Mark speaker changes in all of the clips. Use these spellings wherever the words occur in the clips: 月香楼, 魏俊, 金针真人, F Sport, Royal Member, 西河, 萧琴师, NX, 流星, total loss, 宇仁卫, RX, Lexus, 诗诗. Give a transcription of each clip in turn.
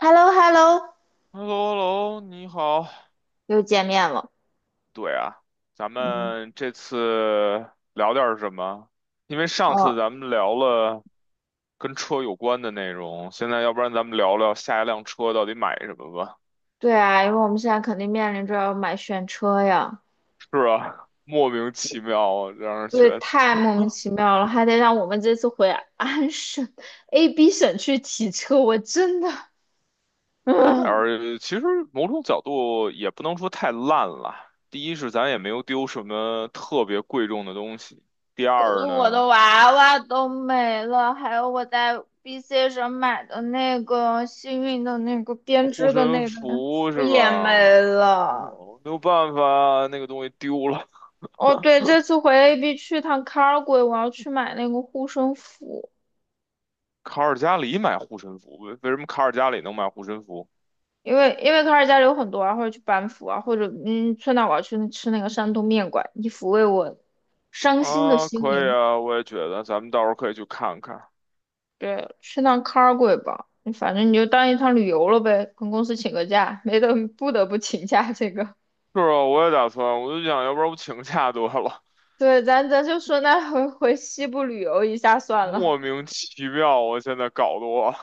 Speaker 1: h e l l o h e l l o
Speaker 2: h e l l o h e l l o 你好。
Speaker 1: 又见面了。
Speaker 2: 对啊，咱
Speaker 1: 嗯，
Speaker 2: 们这次聊点儿什么？因为上次
Speaker 1: 哦，
Speaker 2: 咱们聊了跟车有关的内容，现在要不然咱们聊聊下一辆车到底买什么吧？
Speaker 1: 对啊，因为我们现在肯定面临着要买选车呀，
Speaker 2: 是啊，莫名其妙啊，让人觉
Speaker 1: 对，
Speaker 2: 得。
Speaker 1: 太莫名其妙了，还得让我们这次回安省 AB 省去提车，我真的，嗯，
Speaker 2: 而其实某种角度也不能说太烂了。第一是咱也没有丢什么特别贵重的东西，第
Speaker 1: 可是
Speaker 2: 二
Speaker 1: 我
Speaker 2: 呢。
Speaker 1: 的娃娃都没了，还有我在 BC 省买的那个幸运的那个编
Speaker 2: 护
Speaker 1: 织的
Speaker 2: 身
Speaker 1: 那个，
Speaker 2: 符
Speaker 1: 我
Speaker 2: 是
Speaker 1: 也没
Speaker 2: 吧？
Speaker 1: 了。
Speaker 2: 哦没有办法，那个东西丢了。
Speaker 1: 哦，对，这次回 AB 去趟 c a r g o 我要去买那个护身符。
Speaker 2: 卡尔加里买护身符，为什么卡尔加里能买护身符
Speaker 1: 因为卡尔加里有很多啊，或者去班夫啊，或者去到我要去吃那个山东面馆，以抚慰我伤心的
Speaker 2: 啊？
Speaker 1: 心
Speaker 2: 可以
Speaker 1: 灵。
Speaker 2: 啊，我也觉得，咱们到时候可以去看看。
Speaker 1: 对，去趟卡尔贵吧，反正你就当一趟旅游了呗，跟公司请个假，没得不得不请假这个。
Speaker 2: 是啊，我也打算，我就想要不然我请假得了，
Speaker 1: 对，咱就说那回回西部旅游一下算了。
Speaker 2: 莫名其妙，我现在搞得我。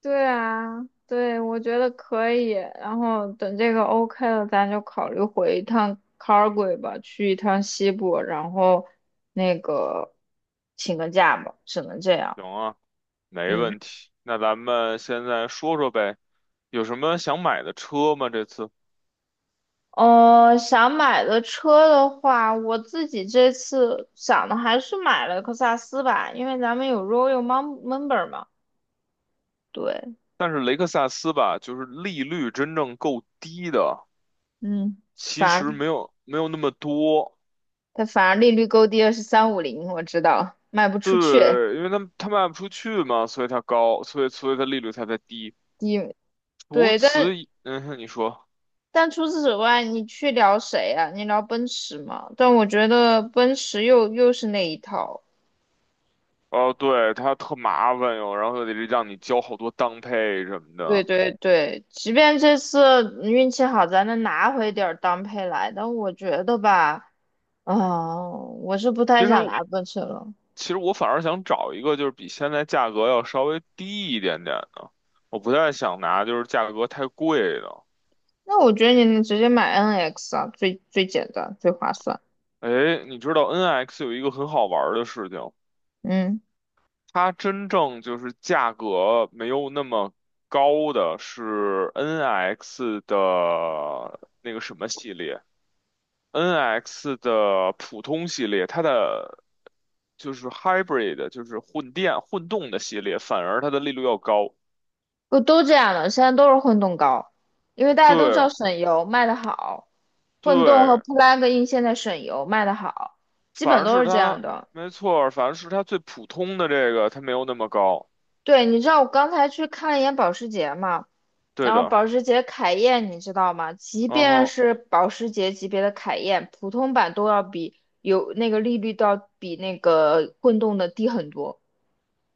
Speaker 1: 对啊，对，我觉得可以。然后等这个 OK 了，咱就考虑回一趟 Calgary 吧，去一趟西部，然后那个请个假吧，只能这样。
Speaker 2: 行啊，没
Speaker 1: 嗯，
Speaker 2: 问题。那咱们现在说说呗，有什么想买的车吗？这次，
Speaker 1: 想买的车的话，我自己这次想的还是买了克萨斯吧，因为咱们有 Royal Member 嘛。对，
Speaker 2: 但是雷克萨斯吧，就是利率真正够低的。
Speaker 1: 嗯，
Speaker 2: 其
Speaker 1: 反
Speaker 2: 实
Speaker 1: 正
Speaker 2: 没有那么多，
Speaker 1: 它反正利率够低的是350，我知道卖不出去，
Speaker 2: 对，因为他们他卖不出去嘛，所以它高，所以它利率才在低。
Speaker 1: 低。
Speaker 2: 除
Speaker 1: 对，但
Speaker 2: 此以，嗯哼，你说，
Speaker 1: 但除此之外，你去聊谁啊？你聊奔驰吗？但我觉得奔驰又是那一套。
Speaker 2: 哦，对，它特麻烦哟，然后又得让你交好多当配什么
Speaker 1: 对
Speaker 2: 的。
Speaker 1: 对对，即便这次运气好，咱能拿回点儿当配来，但我觉得吧，啊、我是不太
Speaker 2: 其实
Speaker 1: 想拿奔驰了。
Speaker 2: 其实我反而想找一个就是比现在价格要稍微低一点点的，我不太想拿就是价格太贵的。
Speaker 1: 那我觉得你能直接买 NX 啊，最最简单，最划算。
Speaker 2: 哎，你知道 NX 有一个很好玩儿的事情。
Speaker 1: 嗯，
Speaker 2: 它真正就是价格没有那么高的是 NX 的那个什么系列，NX 的普通系列，它的就是 hybrid，就是混电混动的系列，反而它的利率要高。
Speaker 1: 不都这样的，现在都是混动高，因为大家都知道
Speaker 2: 对
Speaker 1: 省油卖得好，混动和
Speaker 2: 对，
Speaker 1: plug-in 现在省油卖得好。基
Speaker 2: 反
Speaker 1: 本
Speaker 2: 而
Speaker 1: 都
Speaker 2: 是
Speaker 1: 是这
Speaker 2: 它，
Speaker 1: 样的。
Speaker 2: 没错儿反而是它最普通的这个，它没有那么高。
Speaker 1: 对，你知道我刚才去看了一眼保时捷嘛，
Speaker 2: 对
Speaker 1: 然后
Speaker 2: 的，
Speaker 1: 保时捷凯宴你知道吗？即
Speaker 2: 嗯
Speaker 1: 便
Speaker 2: 哼，
Speaker 1: 是保时捷级别的凯宴，普通版都要比有那个利率都要比那个混动的低很多。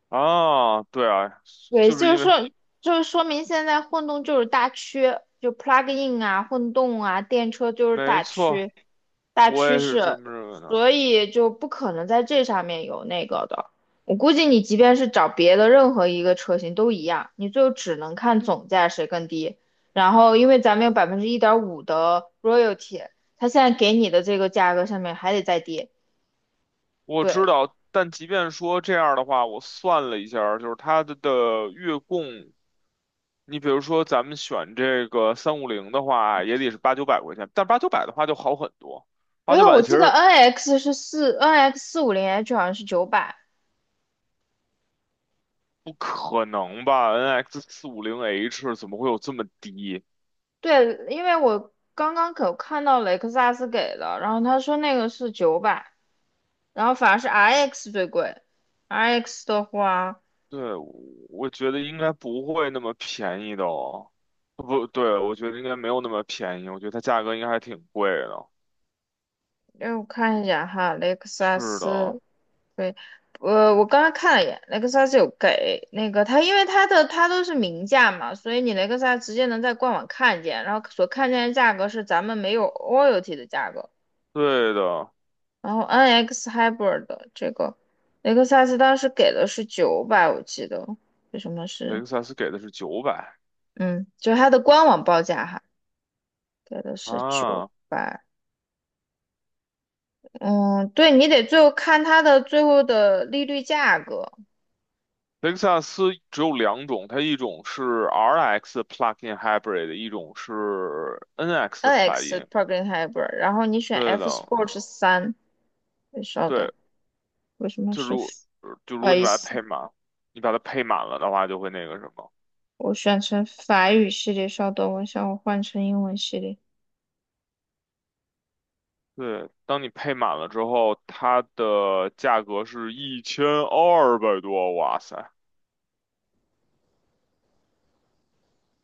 Speaker 2: 啊，对啊，
Speaker 1: 对，
Speaker 2: 就是因为
Speaker 1: 就是说，明现在混动就是大趋，就 plug in 啊、混动啊、电车就是
Speaker 2: 没错，
Speaker 1: 大
Speaker 2: 我
Speaker 1: 趋
Speaker 2: 也是这
Speaker 1: 势，
Speaker 2: 么认为的。
Speaker 1: 所以就不可能在这上面有那个的。我估计你即便是找别的任何一个车型都一样，你最后只能看总价谁更低。然后，因为咱们有1.5%的 royalty,它现在给你的这个价格上面还得再低。
Speaker 2: 我知
Speaker 1: 对，
Speaker 2: 道，但即便说这样的话，我算了一下儿就是它的月供，你比如说咱们选这个350的话，也得是八九百块钱，但八九百的话就好很多，八
Speaker 1: 没
Speaker 2: 九
Speaker 1: 有，
Speaker 2: 百
Speaker 1: 我
Speaker 2: 其
Speaker 1: 记得
Speaker 2: 实
Speaker 1: NX 450 H 好像是九百。
Speaker 2: 不可能吧？NX 450 H 怎么会有这么低？
Speaker 1: 对，因为我刚刚可看到雷克萨斯给的，然后他说那个是九百，然后反而是 RX 最贵。RX 的话，
Speaker 2: 对，我觉得应该不会那么便宜的哦。不对，我觉得应该没有那么便宜，我觉得它价格应该还挺贵的。
Speaker 1: 让我看一下哈，雷克萨
Speaker 2: 是的，
Speaker 1: 斯，对，我刚刚看了一眼，雷克萨斯有给那个它，因为它的它都是明价嘛，所以你雷克萨斯直接能在官网看见，然后所看见的价格是咱们没有 royalty 的价格，
Speaker 2: 对的，
Speaker 1: 然后 NX Hybrid 的这个雷克萨斯当时给的是九百，我记得。为什么
Speaker 2: 雷
Speaker 1: 是？
Speaker 2: 克萨斯给的是九百
Speaker 1: 嗯，就是它的官网报价哈，给的是九
Speaker 2: 啊。
Speaker 1: 百。嗯，对你得最后看它的最后的利率价格
Speaker 2: 雷克萨斯只有两种，它一种是 RX plug-in hybrid，一种是 NX
Speaker 1: ，NX
Speaker 2: plug-in。
Speaker 1: plug-in hybrid,然后你选
Speaker 2: 对
Speaker 1: F
Speaker 2: 的，
Speaker 1: Sport 三。稍
Speaker 2: 对，
Speaker 1: 等，为什么
Speaker 2: 就
Speaker 1: 是？
Speaker 2: 如就
Speaker 1: 不
Speaker 2: 如
Speaker 1: 好
Speaker 2: 果你
Speaker 1: 意
Speaker 2: 把它
Speaker 1: 思，
Speaker 2: 配满，你把它配满了的话，就会那个什么。
Speaker 1: 我选成法语系列，稍等，我想我换成英文系列。
Speaker 2: 对，当你配满了之后，它的价格是1200多，哇塞！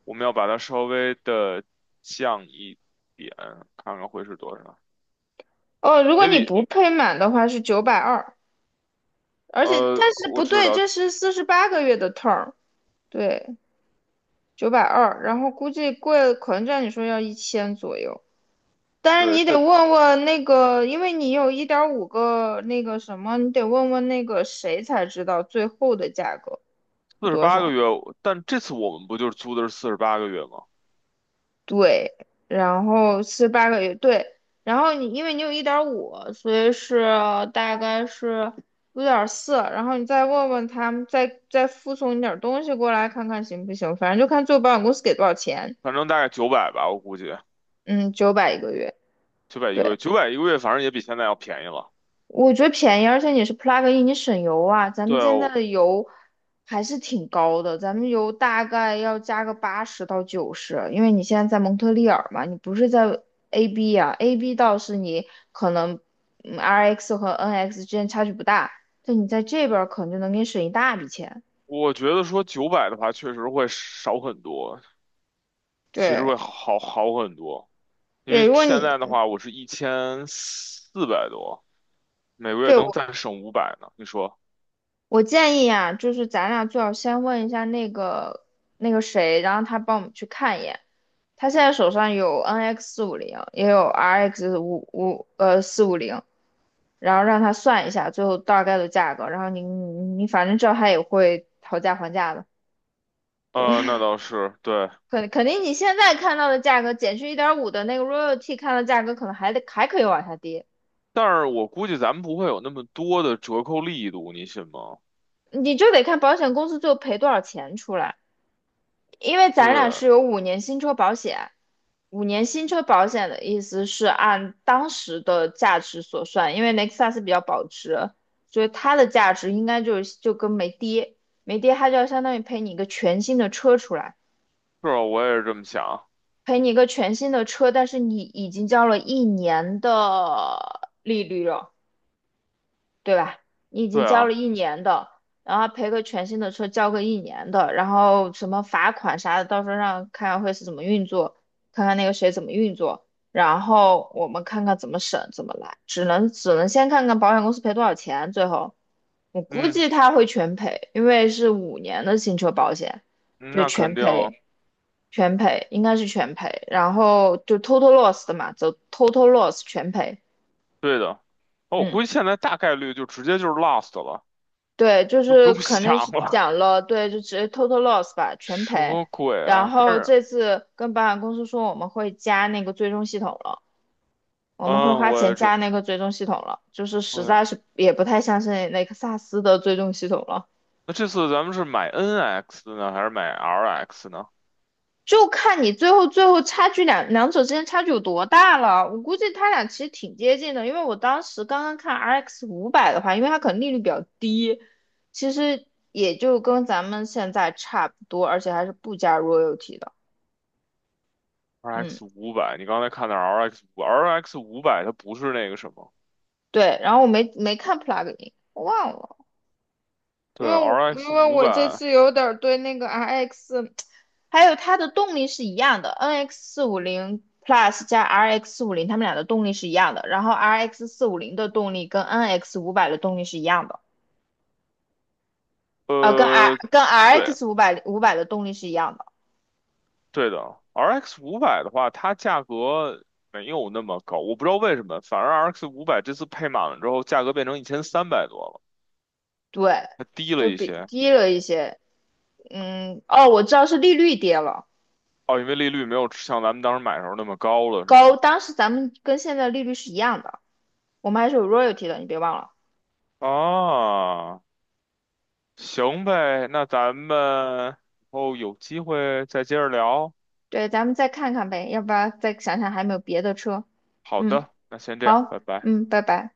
Speaker 2: 我们要把它稍微的降一点，看看会是多少，
Speaker 1: 哦，如果
Speaker 2: 也
Speaker 1: 你
Speaker 2: 比
Speaker 1: 不配满的话是九百二，而且但是
Speaker 2: 我
Speaker 1: 不
Speaker 2: 知
Speaker 1: 对，
Speaker 2: 道，
Speaker 1: 这是四十八个月的 term,对，九百二，然后估计贵，可能照你说要1000左右。但是
Speaker 2: 对，
Speaker 1: 你得
Speaker 2: 但
Speaker 1: 问问那个，因为你有一点五个那个什么，你得问问那个谁才知道最后的价格是
Speaker 2: 四十
Speaker 1: 多
Speaker 2: 八
Speaker 1: 少。
Speaker 2: 个月，但这次我们不就是租的是四十八个月吗？
Speaker 1: 对，然后四十八个月，对，然后你因为有一点五，所以是大概是5.4，然后你再问问他们，再附送你点儿东西过来看看行不行，反正就看最后保险公司给多少钱。
Speaker 2: 反正大概九百吧，我估计
Speaker 1: 嗯，九百一个月。
Speaker 2: 九百一个
Speaker 1: 对。
Speaker 2: 月，九百一个月反正也比现在要便宜了。
Speaker 1: 我觉得便宜，而且你是 plug in,你省油啊。咱们现在
Speaker 2: 对，
Speaker 1: 的油还是挺高的，咱们油大概要加个80到90，因为你现在在蒙特利尔嘛，你不是在 AB 啊，AB 倒是你可能RX 和 NX 之间差距不大，但你在这边儿可能就能给你省一大笔钱。
Speaker 2: 我觉得说九百的话，确实会少很多，其实
Speaker 1: 对
Speaker 2: 会好很多。因为
Speaker 1: 对，如果
Speaker 2: 现
Speaker 1: 你
Speaker 2: 在的话，我是1400多，每个月
Speaker 1: 对
Speaker 2: 能
Speaker 1: 我
Speaker 2: 再省五百呢。你说？
Speaker 1: 我建议啊，就是咱俩最好先问一下那个谁，然后他帮我们去看一眼。他现在手上有 NX 450，也有 RX 五五呃四五零，然后让他算一下最后大概的价格，然后你反正知道他也会讨价还价的，对，
Speaker 2: 那 倒是对，
Speaker 1: 肯定你现在看到的价格减去一点五的那个 royalty 看到价格可能还可以往下跌，
Speaker 2: 但是我估计咱们不会有那么多的折扣力度，你信吗？
Speaker 1: 你就得看保险公司最后赔多少钱出来，因为咱俩
Speaker 2: 对，
Speaker 1: 是有五年新车保险，五年新车保险的意思是按当时的价值所算，因为雷克萨斯比较保值，所以它的价值应该就跟没跌，没跌它就要相当于赔你一个全新的车出来，
Speaker 2: 是啊，我也是这么想。
Speaker 1: 赔你一个全新的车，但是你已经交了一年的利率了。对吧？你已经
Speaker 2: 对
Speaker 1: 交了
Speaker 2: 啊，
Speaker 1: 一年的，然后赔个全新的车，交个一年的，然后什么罚款啥的，到时候让看看会是怎么运作，看看那个谁怎么运作，然后我们看看怎么审怎么来，只能先看看保险公司赔多少钱，最后我估
Speaker 2: 嗯。
Speaker 1: 计他会全赔，因为是五年的新车保险，
Speaker 2: 嗯
Speaker 1: 对，
Speaker 2: 那肯
Speaker 1: 全
Speaker 2: 定啊，
Speaker 1: 赔。全赔应该是全赔，然后就 total loss 的嘛，走 total loss 全赔，
Speaker 2: 对的。哦，我
Speaker 1: 嗯。
Speaker 2: 估计现在大概率就直接就是 Lost 了，
Speaker 1: 对，就
Speaker 2: 就 不
Speaker 1: 是
Speaker 2: 用
Speaker 1: 肯定是
Speaker 2: 想了。
Speaker 1: 讲了，对，就直接 total loss 吧，全
Speaker 2: 什
Speaker 1: 赔。
Speaker 2: 么鬼
Speaker 1: 然
Speaker 2: 啊？但
Speaker 1: 后
Speaker 2: 是，
Speaker 1: 这次跟保险公司说我们会加那个追踪系统了，我们会
Speaker 2: 嗯，
Speaker 1: 花
Speaker 2: 我
Speaker 1: 钱
Speaker 2: 也这
Speaker 1: 加那个追踪系统了，就是实
Speaker 2: 对。
Speaker 1: 在是也不太相信雷克 萨斯的追踪系统了。
Speaker 2: 那这次咱们是买 NX 呢，还是买 RX 呢
Speaker 1: 就看你最后差距两者之间差距有多大了。我估计他俩其实挺接近的，因为我当时刚刚看 RX 五百的话，因为它可能利率比较低，其实也就跟咱们现在差不多，而且还是不加 royalty 的。嗯，
Speaker 2: ？RX 五百，你刚才看的 RX 五百它不是那个什么，
Speaker 1: 对。然后我没看 plugin,我忘了。因
Speaker 2: 对
Speaker 1: 为我因
Speaker 2: ，RX
Speaker 1: 为
Speaker 2: 五
Speaker 1: 我这
Speaker 2: 百，
Speaker 1: 次有点儿对那个 RX,还有它的动力是一样的，NX 四五零 Plus 加 RX 450，它们俩的动力是一样的。然后 RX 四五零的动力跟 NX 五百的动力是一样的，跟 R
Speaker 2: 呃，
Speaker 1: 跟
Speaker 2: 对，
Speaker 1: RX 五百的动力是一样的，
Speaker 2: 对的，RX 五百的话，它价格没有那么高，我不知道为什么，反而 RX 五百这次配满了之后，价格变成1300多了。
Speaker 1: 对，
Speaker 2: 还低了
Speaker 1: 就
Speaker 2: 一
Speaker 1: 比
Speaker 2: 些
Speaker 1: 低了一些。嗯，哦，我知道是利率跌了，
Speaker 2: 哦，因为利率没有像咱们当时买的时候那么高了，是
Speaker 1: 高，
Speaker 2: 吗？
Speaker 1: 当时咱们跟现在利率是一样的，我们还是有 royalty 的，你别忘了。
Speaker 2: 啊，行呗，那咱们以后有机会再接着聊。
Speaker 1: 对，咱们再看看呗，要不然再想想还有没有别的车。
Speaker 2: 好
Speaker 1: 嗯，
Speaker 2: 的，那先这样，
Speaker 1: 好，
Speaker 2: 拜拜。
Speaker 1: 嗯，拜拜。